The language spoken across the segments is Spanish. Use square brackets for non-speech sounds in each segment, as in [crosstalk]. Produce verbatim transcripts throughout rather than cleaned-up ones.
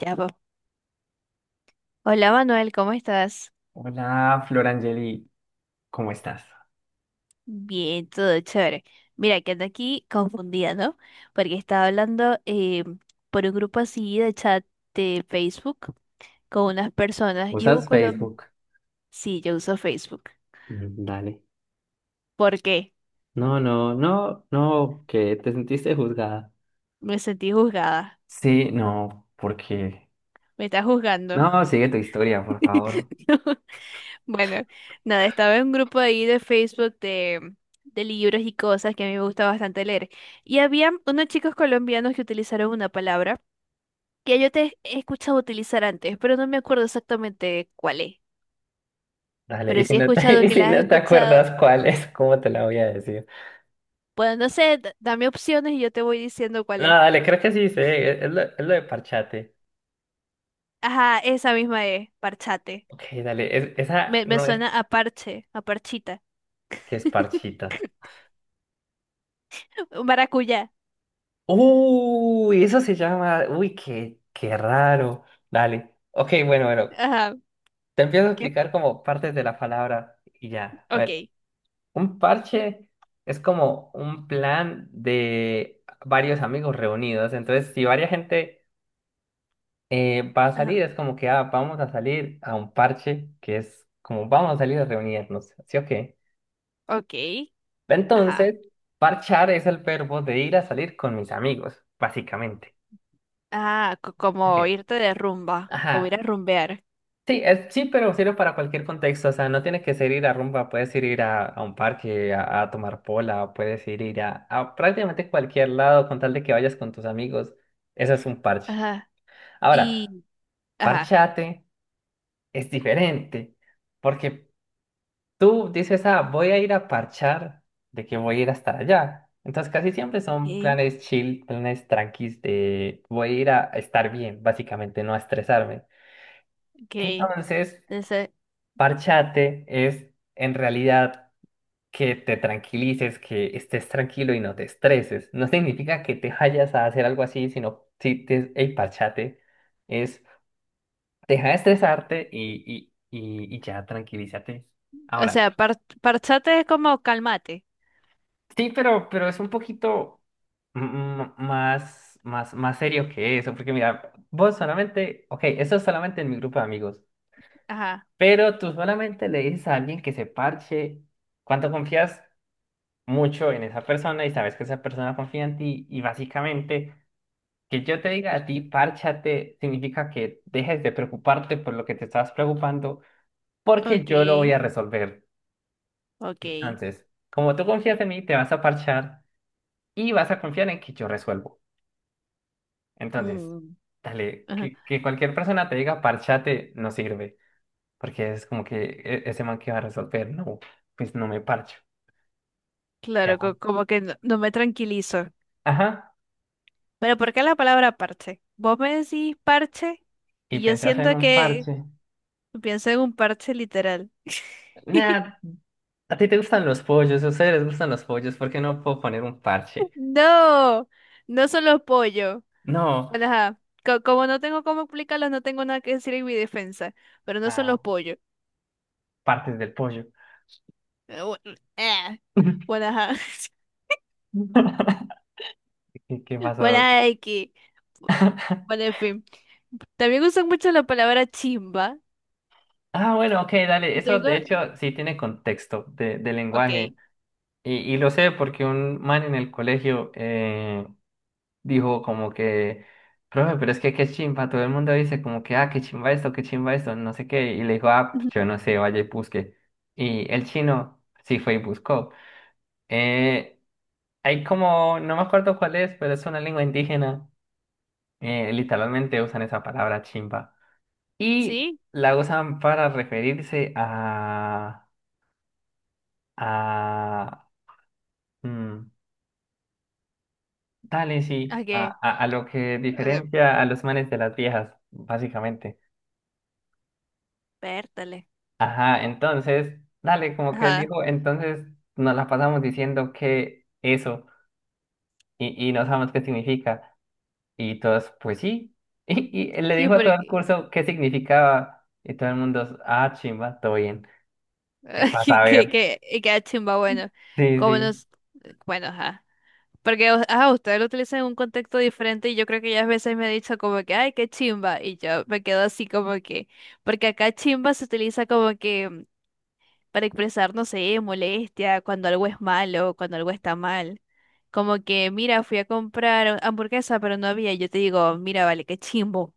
Ya, po. Hola Manuel, ¿cómo estás? Hola, Florangeli, ¿cómo estás? Bien, todo chévere. Mira, que ando aquí confundida, ¿no? Porque estaba hablando eh, por un grupo así de chat de Facebook con unas personas y hubo ¿Usas colo... Facebook? Sí, yo uso Facebook. Mm, dale. ¿Por qué? No, no, no, no, que te sentiste juzgada. Me sentí juzgada. Sí, no, porque. Me estás juzgando. No, sigue tu historia, por favor. [laughs] No, bueno, nada, estaba en un grupo ahí de Facebook de, de libros y cosas que a mí me gusta bastante leer. Y había unos chicos colombianos que utilizaron una palabra que yo te he escuchado utilizar antes, pero no me acuerdo exactamente cuál es. Dale, y Pero si sí he no te, [laughs] escuchado y que si la has no te escuchado. acuerdas cuál es, ¿cómo te la voy a decir? Pues no sé, d- dame opciones y yo te voy diciendo cuál No, es. dale, creo que sí sé, es, es lo, es lo de parchate. Ajá, esa misma es, parchate. Ok, dale, es- esa Me, me no es suena a parche, a parchita. que es [laughs] parchita. Maracuyá. Uy, eso se llama, uy, qué, qué raro. Dale, ok, bueno, bueno. Ajá, Te empiezo a que, explicar como partes de la palabra y ya. A ver, ok. un parche es como un plan de varios amigos reunidos. Entonces, si varias gente eh, va a salir, Ajá, es como que ah, vamos a salir a un parche, que es como vamos a salir a reunirnos, ¿sí o qué? ok. Ajá. Entonces, parchar es el verbo de ir a salir con mis amigos, básicamente. Ah, co- como Ok. irte de rumba, como ir Ajá. a rumbear. Sí, es, sí, pero sirve para cualquier contexto. O sea, no tiene que ser ir a rumba, puedes ir, ir a, a un parque a, a tomar pola, puedes ir, ir a, a prácticamente cualquier lado con tal de que vayas con tus amigos. Eso es un parche. Ajá. Ahora, Y, ajá. parchate es diferente, porque tú dices, ah, voy a ir a parchar, de que voy a ir hasta allá. Entonces, casi siempre son Ok, planes chill, planes tranquis de voy a ir a estar bien, básicamente, no a estresarme. ok. Entonces. Entonces, Parchate es en realidad que te tranquilices, que estés tranquilo y no te estreses. No significa que te vayas a hacer algo así, sino si te, hey, parchate es deja de estresarte y, y, y, y ya tranquilízate. o Ahora, sea, par- parchate es como calmate. sí, pero, pero es un poquito mm, mm, más, más, más serio que eso, porque mira, vos solamente, ok, eso es solamente en mi grupo de amigos, Ajá. pero tú solamente le dices a alguien que se parche cuando confías mucho en esa persona y sabes que esa persona confía en ti y básicamente que yo te diga a ti, párchate, significa que dejes de preocuparte por lo que te estabas preocupando porque yo lo voy Okay, a resolver. okay. Entonces, como tú confías en mí, te vas a parchar y vas a confiar en que yo resuelvo. Entonces, Mm, dale, ajá. que, que cualquier persona te diga párchate no sirve porque es como que "E- ese man que va a resolver, no, pues no me parcho." Claro, Ya. co- como que no, no me tranquilizo. Ajá. Pero ¿por qué la palabra parche? Vos me decís parche Y y yo pensás en siento un que parche. pienso en un parche literal. [laughs] Nada, ¿a ti te gustan los pollos? ¿A ustedes les gustan los pollos? ¿Por qué no puedo poner un parche? No, no son los pollos. No, Bueno, ajá. Co- como no tengo cómo explicarlos, no tengo nada que decir en mi defensa. Pero no son los ah, pollos. partes del pollo. Eh, bu- eh. [laughs] Bueno, ajá. [laughs] ¿Qué, qué Bueno, pasó? ajá, X. Bueno, [laughs] en fin. También usan mucho la palabra chimba. Ah, bueno, ok, dale. Y Eso tengo, de hecho sí tiene contexto de, de ok, lenguaje. Y, y lo sé porque un man en el colegio eh, dijo como que, profe, pero es que qué chimba. Todo el mundo dice como que, ah, qué chimba esto, qué chimba esto, no sé qué. Y le dijo, ah, pues ujú. yo no sé, vaya y busque. Y el chino sí fue y buscó. Eh, Hay como, no me acuerdo cuál es, pero es una lengua indígena. Eh, literalmente usan esa palabra chimba. Y ¿Sí? la usan para referirse a... a... mm, dale, sí, ¿A a, qué? a, a lo que O sea, diferencia a los manes de las viejas, básicamente. pértale. Ajá, entonces, dale, como que él Ajá. dijo, entonces nos la pasamos diciendo que eso y, y no sabemos qué significa. Y todos, pues sí. [laughs] Y, y le Sí, dijo a todo el porque curso qué significaba. Y todo el mundo, ah, chimba, todo bien. eh, Para [laughs] que, que, saber. que, y queda chimba, bueno. Sí, Como sí. nos. Bueno, ajá. Porque o- ajá, usted lo utiliza en un contexto diferente y yo creo que ya a veces me ha dicho como que, ay, qué chimba. Y yo me quedo así como que. Porque acá chimba se utiliza como que para expresar, no sé, molestia, cuando algo es malo, cuando algo está mal. Como que, mira, fui a comprar hamburguesa, pero no había. Yo te digo, mira, vale, qué chimbo.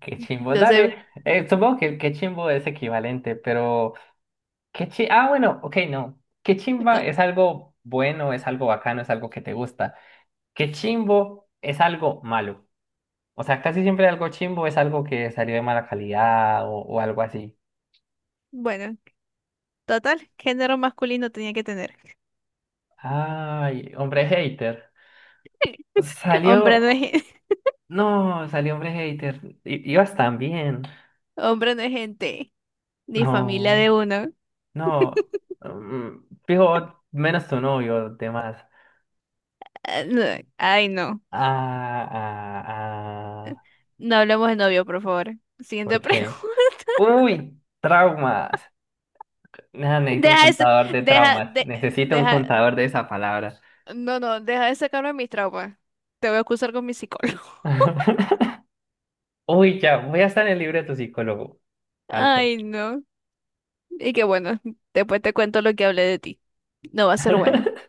Qué chimbo, Entonces, dale. Eh, supongo que el qué chimbo es equivalente, pero qué chi ah, bueno, ok, no. Qué chimba co- es algo bueno, es algo bacano, es algo que te gusta. Qué chimbo es algo malo. O sea, casi siempre algo chimbo es algo que salió de mala calidad o, o algo así. bueno, total, género masculino tenía que tener. Ay, hombre hater. [laughs] Hombre Salió. no es, gen- [laughs] No, salió hombre hater. I- ibas tan bien. hombre no es gente, ni familia de No, uno. no. Mm, fijo, menos tu novio, demás. Ah, no, ay, no. Ah, ah, ah. No hablemos de novio, por favor. ¿Por Siguiente pregunta. qué? Uy, traumas. Nah, [laughs] necesito un Deja ese, contador de deja, traumas. de- Necesito un deja, contador de esa palabra. no, no, deja de sacarme mis traumas. Te voy a acusar con mi psicólogo. [laughs] Uy, ya, voy a estar en el libro de tu psicólogo. Alto. Ay, no. Y que bueno, después te cuento lo que hablé de ti. No va a ser bueno. [laughs]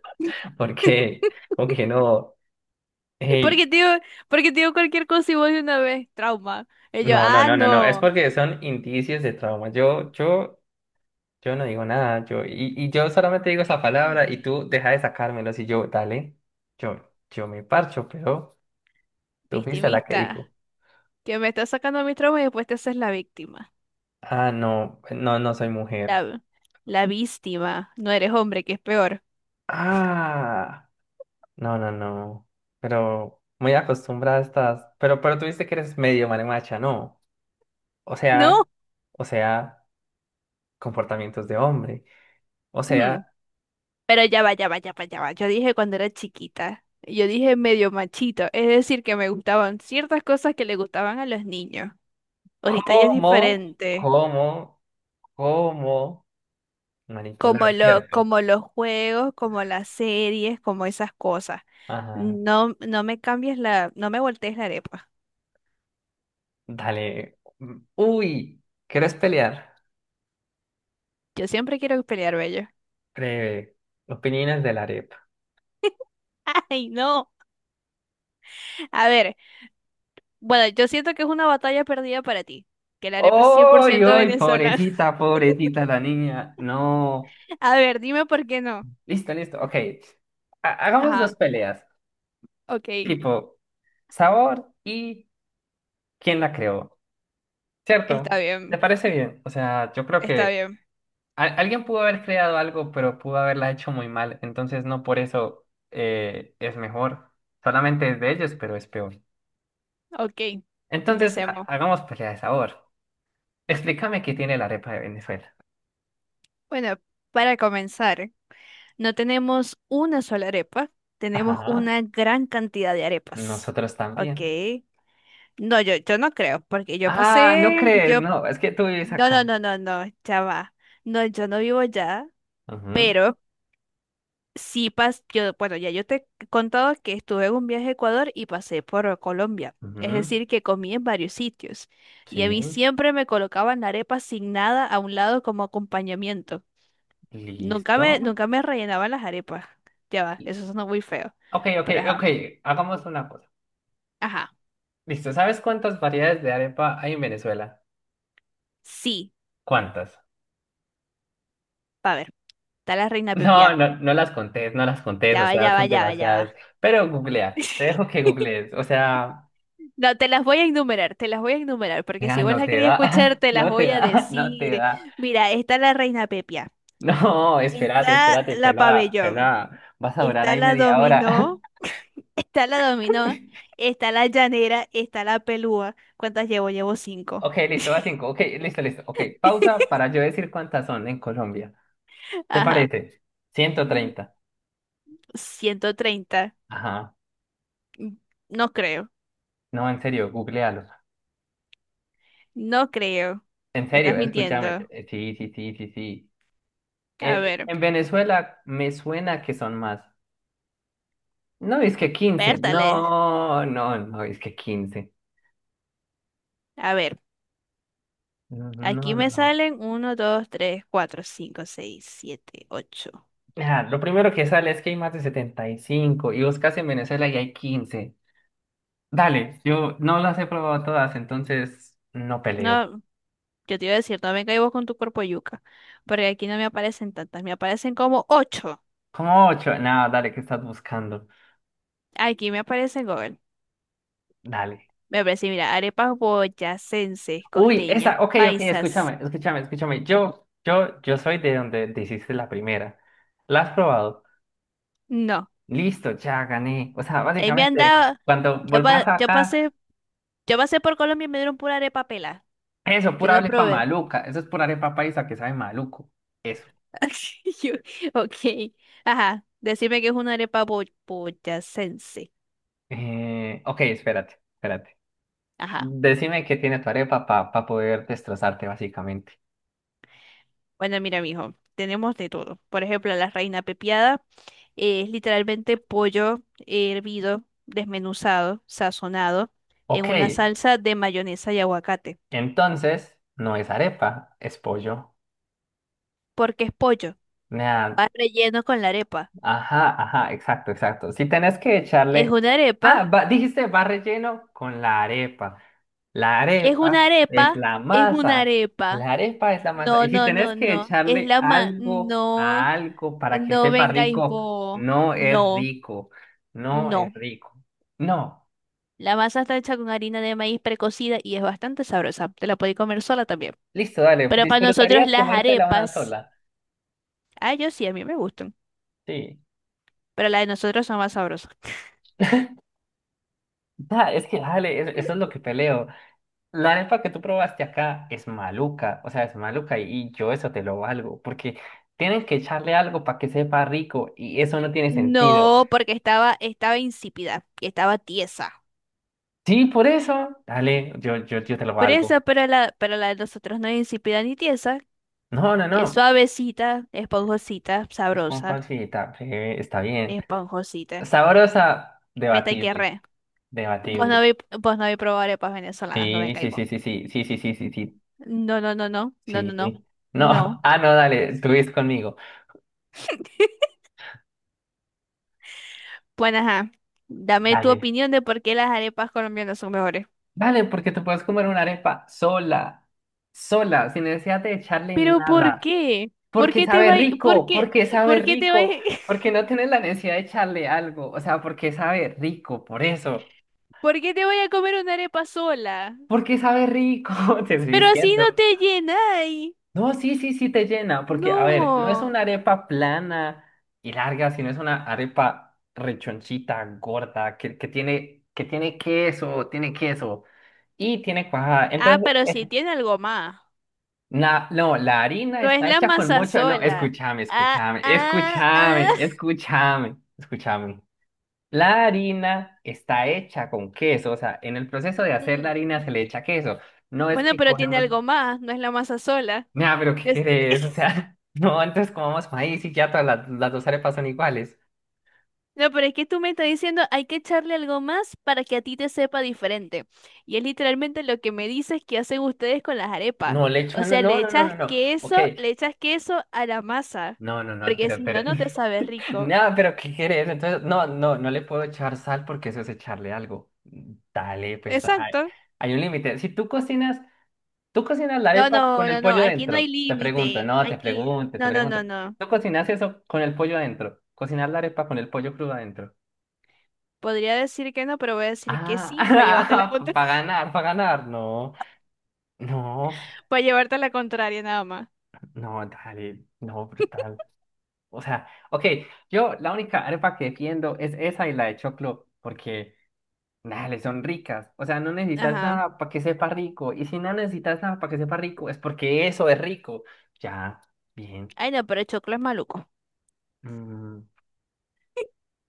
¿Por [laughs] qué? Como que no. Hey, Porque te digo, porque te digo cualquier cosa y vos de una vez, trauma. Y yo, no, no, ah, no, no, no. Es no. porque son indicios de trauma. Yo, yo. Yo no digo nada, yo, y, y yo solamente digo esa palabra Mm, y tú deja de sacármelos y yo, dale, yo, yo me parcho, pero tú fuiste la que dijo. victimista. Que me estás sacando mis traumas y después te haces la víctima. Ah, no, no, no soy mujer. La, la víctima. No eres hombre, que es peor. Ah, no, no, no, pero muy acostumbrada estás, pero, pero tú viste que eres medio marimacha, ¿no? O No. sea, o sea, comportamientos de hombre, o Mm, sea, pero ya va, ya va, ya va, ya va. Yo dije cuando era chiquita. Yo dije medio machito. Es decir, que me gustaban ciertas cosas que le gustaban a los niños. Ahorita ya es ¿cómo, diferente. cómo, cómo como manipular?, lo, ¿cierto? como los juegos, como las series, como esas cosas. Ajá. No, no me cambies la, no me voltees la arepa. Dale. Uy, ¿quieres pelear? Yo siempre quiero pelear, bello. Breve. Opiniones de la arepa. [laughs] Ay, no. A ver, bueno, yo siento que es una batalla perdida para ti, que la arepa es cien por ¡Uy, ciento uy! venezolana. Pobrecita, pobrecita la niña. No. [laughs] A ver, dime por qué no. Listo, listo. Ok. Ha- hagamos dos Ajá, peleas. ok, Tipo, sabor y quién la creó. está ¿Cierto? ¿Te bien, parece bien? O sea, yo creo está que bien, al- alguien pudo haber creado algo, pero pudo haberla hecho muy mal. Entonces, no por eso eh, es mejor. Solamente es de ellos, pero es peor. ok, Entonces, ha- empecemos. hagamos pelea de sabor. Explícame qué tiene la arepa de Venezuela. Bueno, para comenzar. No tenemos una sola arepa, tenemos Ajá, una gran cantidad de arepas. nosotros Ok. también. No, yo, yo no creo, porque yo Ah, no pasé, crees, yo, no, es que tú vives no, acá. no, no, no, no, ya va. No, yo no vivo ya, Ujú, pero sí pas, yo, bueno, ya yo te he contado que estuve en un viaje a Ecuador y pasé por Colombia. Es ujú, decir, que comí en varios sitios. Y a sí, mí siempre me colocaban la arepa sin nada a un lado como acompañamiento. Nunca listo. me, nunca me rellenaban las arepas. Ya va, Y- eso suena muy feo. Ok, ok, Pero ajá. ok, hagamos una cosa. Ajá. Listo, ¿sabes cuántas variedades de arepa hay en Venezuela? Sí. ¿Cuántas? [laughs] A ver, está la reina Pepiá. No, no, no las contés, no las contés, Ya o va, sea, ya va, son ya va, ya demasiadas. va. Pero googlea, te dejo que [laughs] googlees, o sea, No, te las voy a enumerar, te las voy a enumerar, porque si ya vos no las te querías da, escuchar, [laughs] te las no te voy a da, no te decir. da. Mira, está la reina Pepiá. [laughs] No, espérate, Está espérate, la Fela, pabellón. Fela, vas a durar Está ahí la media hora. dominó. [laughs] Está la dominó. [laughs] Está la llanera. Está la pelúa. ¿Cuántas llevo? Llevo cinco. Ok, listo, va cinco. Ok, listo, listo. Ok, pausa para yo decir cuántas son en Colombia. ¿Te Ajá. parece? Ciento treinta. ciento treinta. Ajá. No creo. No, en serio, googlealo. No creo. En Me estás serio, escúchame. mintiendo. Eh, Sí, sí, sí, sí, sí. A Eh, ver, en Venezuela me suena que son más. No, es que quince. pértales. No, no, no, es que quince. A ver, No, no, aquí no, me no. salen uno, dos, tres, cuatro, cinco, seis, siete, ocho. Ah, lo primero que sale es que hay más de setenta y cinco. Y buscas en Venezuela y hay quince. Dale, yo no las he probado todas, entonces no peleo. No, yo te iba a decir, no venga y vos con tu cuerpo yuca. Porque aquí no me aparecen tantas, me aparecen como ocho. ¿Cómo ocho? Nada, dale, ¿qué estás buscando? Aquí me aparecen Google. Dale. Me aparece, mira, arepas boyacenses, Uy, costeñas, esa, ok, ok, paisas. escúchame, escúchame, escúchame. Yo, yo, yo soy de donde te hiciste la primera. ¿La has probado? No. Listo, ya gané. O sea, Ahí me han básicamente, dado. cuando Yo, pa- vuelvas yo pasé, acá, yo pasé por Colombia y me dieron pura arepa pela. eso, Yo pura no arepa probé. maluca. Eso es pura arepa paisa que sabe maluco. Eso. [laughs] Yo- ok, ajá, decime que es una arepa bo- boyacense. Eh, ok, espérate, espérate. Ajá, Decime qué tiene tu arepa para poder destrozarte, básicamente. bueno, mira, mijo, tenemos de todo. Por ejemplo, la reina pepiada eh, es literalmente pollo hervido, desmenuzado, sazonado en Ok, una salsa de mayonesa y aguacate. entonces, no es arepa, es pollo. Porque es pollo, va Nea, relleno con la arepa. ajá, ajá, exacto, exacto. Si tenés que Es echarle. una Ah, arepa, va- dijiste va relleno con la arepa. La es arepa una es arepa, la es una masa. arepa. La arepa es la masa. No, Y si no, tenés no, que no, es echarle la ma... algo No, a algo para que no sepa vengáis rico, vos. no es No. rico. No es No, rico. No. la masa está hecha con harina de maíz precocida y es bastante sabrosa. Te la podéis comer sola también. Listo, dale. Pero para nosotros ¿Disfrutarías las comértela una arepas, sola? ah, yo sí, a mí me gustan, Sí. pero las de nosotros son más sabrosas. Da, es que, dale, es- eso es lo que peleo. La arepa que tú probaste acá es maluca, o sea, es maluca y, y yo eso te lo valgo, porque tienen que echarle algo para que sepa rico y eso no tiene sentido. No, porque estaba, estaba insípida y estaba tiesa. Sí, por eso, dale, yo, yo, yo te lo Por valgo. eso, pero la, pero la de nosotros no es insípida ni tiesa. No, no, Es no, suavecita, esponjosita, es con sabrosa, pancita, breve, está bien. esponjosita. Sabrosa, Me está debatible, querré. Re. Vos no debatible. habéis, vos no habéis probado arepas venezolanas, no Sí, vengáis sí, vos. sí, sí, sí, sí, sí, sí, sí, No, no, no, no, no, no, sí, no. sí. No, No. [laughs] ah, no, dale, tú ves conmigo. Bueno, ajá, dame tu Dale. opinión de por qué las arepas colombianas son mejores. Vale, porque te puedes comer una arepa sola, sola, sin necesidad de echarle Pero ¿por nada. qué? ¿Por Porque qué te sabe vai, por rico, qué, porque por sabe qué te vai, rico, [laughs] porque no tienes la necesidad de echarle algo. O sea, porque sabe rico, por eso. por qué te voy a comer una arepa sola? Porque sabe rico, [laughs] te estoy Pero así diciendo. no te llenáis. No, sí, sí, sí te llena, porque, a ver, no es No. una arepa plana y larga, sino es una arepa rechonchita, gorda, que, que tiene, que tiene queso, tiene queso y tiene cuajada. Ah, Entonces, pero sí tiene algo más. Na- no, la harina No es está la hecha con masa mucho. No, sola. escúchame, Ah, escúchame, ah, ah. escúchame, escúchame, escúchame. La harina está hecha con queso, o sea, en el proceso de Mm, hacer la mm. harina se le echa queso. No es Bueno, que pero tiene cogemos. algo más, no es la masa sola. Nah, pero ¿qué querés? O sea, [laughs] no, antes comamos maíz y ya todas las, las dos arepas son iguales. No, pero es que tú me estás diciendo, hay que echarle algo más para que a ti te sepa diferente. Y es literalmente lo que me dices que hacen ustedes con las arepas. No, le O echo, no, sea, le no, no, no, echas no, no. Ok, queso, le echas queso a la masa, no, no, no, porque pero, si pero. no, no te sabe No, rico. pero ¿qué quieres? Entonces, no, no, no le puedo echar sal porque eso es echarle algo. Dale, pues hay, Exacto. hay un límite. Si tú cocinas, Tú cocinas la No, arepa no, con el no, no, pollo aquí no hay dentro. Te pregunto, límite. no, te Aquí, pregunto, te no, no, pregunto. no, no. ¿Tú cocinas eso con el pollo adentro? ¿Cocinar la arepa con el pollo crudo adentro? Podría decir que no, pero voy a decir que sí, para llevarte la Ah, [laughs] contra- para [laughs] ganar, para ganar. No, no, para llevarte la contraria nada más. no, dale, no, brutal. O sea, ok, yo la única arepa que defiendo es esa y la de choclo, porque. Dale, son ricas. O sea, no necesitas Ajá. nada para que sepa rico. Y si no necesitas nada para que sepa rico, es porque eso es rico. Ya, bien. Ay, no, pero el choclo es maluco. Mm,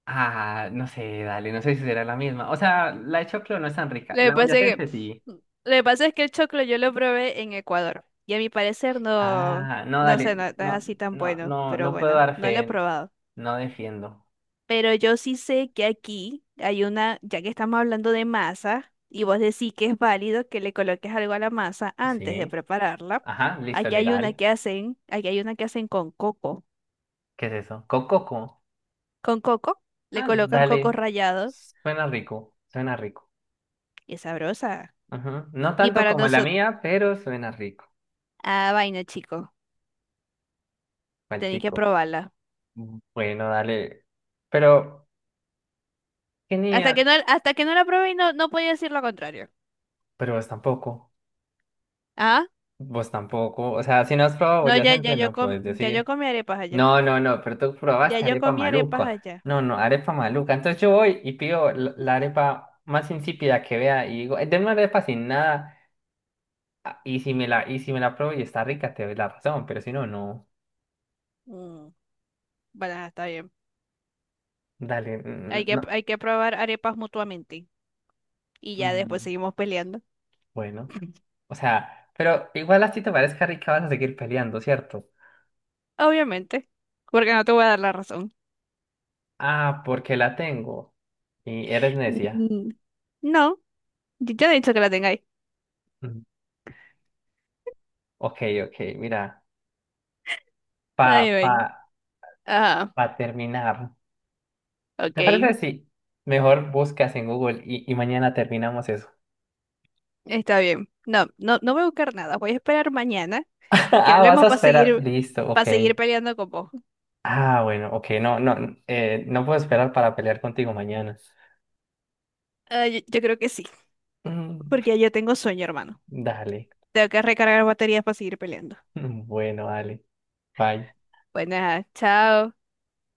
ah, no sé, dale, no sé si será la misma. O sea, la de choclo no es tan rica. Lo que La pasa es que, boyacense sí. lo que pasa es que el choclo yo lo probé en Ecuador y a mi parecer no, Ah, no, no sé, no, dale. no es No, así tan no, bueno, no, pero no puedo bueno, dar no lo he fe. probado. No defiendo. Pero yo sí sé que aquí hay una, ya que estamos hablando de masa y vos decís que es válido que le coloques algo a la masa antes de Sí. prepararla, Ajá, listo, aquí hay una legal. que hacen, aquí hay una que hacen con coco. ¿Qué es eso? Cococo. Con coco le Ah, colocan coco dale. rallado Suena rico, suena rico. y es sabrosa. Ajá. No Y tanto para como la nosotros, mía, pero suena rico. ah, vaina, chico, Juan tenéis que chico. probarla. Bueno, dale. Pero, Hasta genial. que no, hasta que no la probé y no, no podía decir lo contrario. Pero vos tampoco. Ah, Vos tampoco. O sea, si no has probado no, ya, ya boyacense, yo no com- puedes ya yo decir. comí arepas allá. No, no, no, pero tú Ya probaste yo arepa comí arepas maluca. allá. No, no, arepa maluca. Entonces yo voy y pido la la arepa más insípida que vea y digo, "Eh, denme una arepa sin nada. Ah, Y si me la, y si me la pruebo y está rica, te doy la razón. Pero si no, no. Mm, bueno, ajá, está bien. Dale. Hay mm, que, no. hay que probar arepas mutuamente. Y ya después Mm, seguimos peleando. bueno. [laughs] O sea, pero igual así te parezca rica, vas a seguir peleando, ¿cierto? Obviamente. Porque no te voy a dar la razón. Ah, porque la tengo. Y eres necia. Mm, no, yo ya no he dicho que la tengáis. Mm. Ok, ok, mira. Pa, Ay, pa, bueno. Ah, pa terminar. ¿Te parece ok. si mejor buscas en Google y, y mañana terminamos eso? Está bien. No, no, no voy a buscar nada. Voy a esperar mañana [laughs] que Ah, vas hablemos a para esperar. seguir, Listo, ok. para seguir peleando con vos. Ah, bueno, ok, no, no, n- eh, no puedo esperar para pelear contigo mañana. Ah, yo yo creo que sí, Mm, porque ya tengo sueño, hermano. dale. Tengo que recargar baterías para seguir peleando. [laughs] Bueno, dale. Bye. Bueno, chao.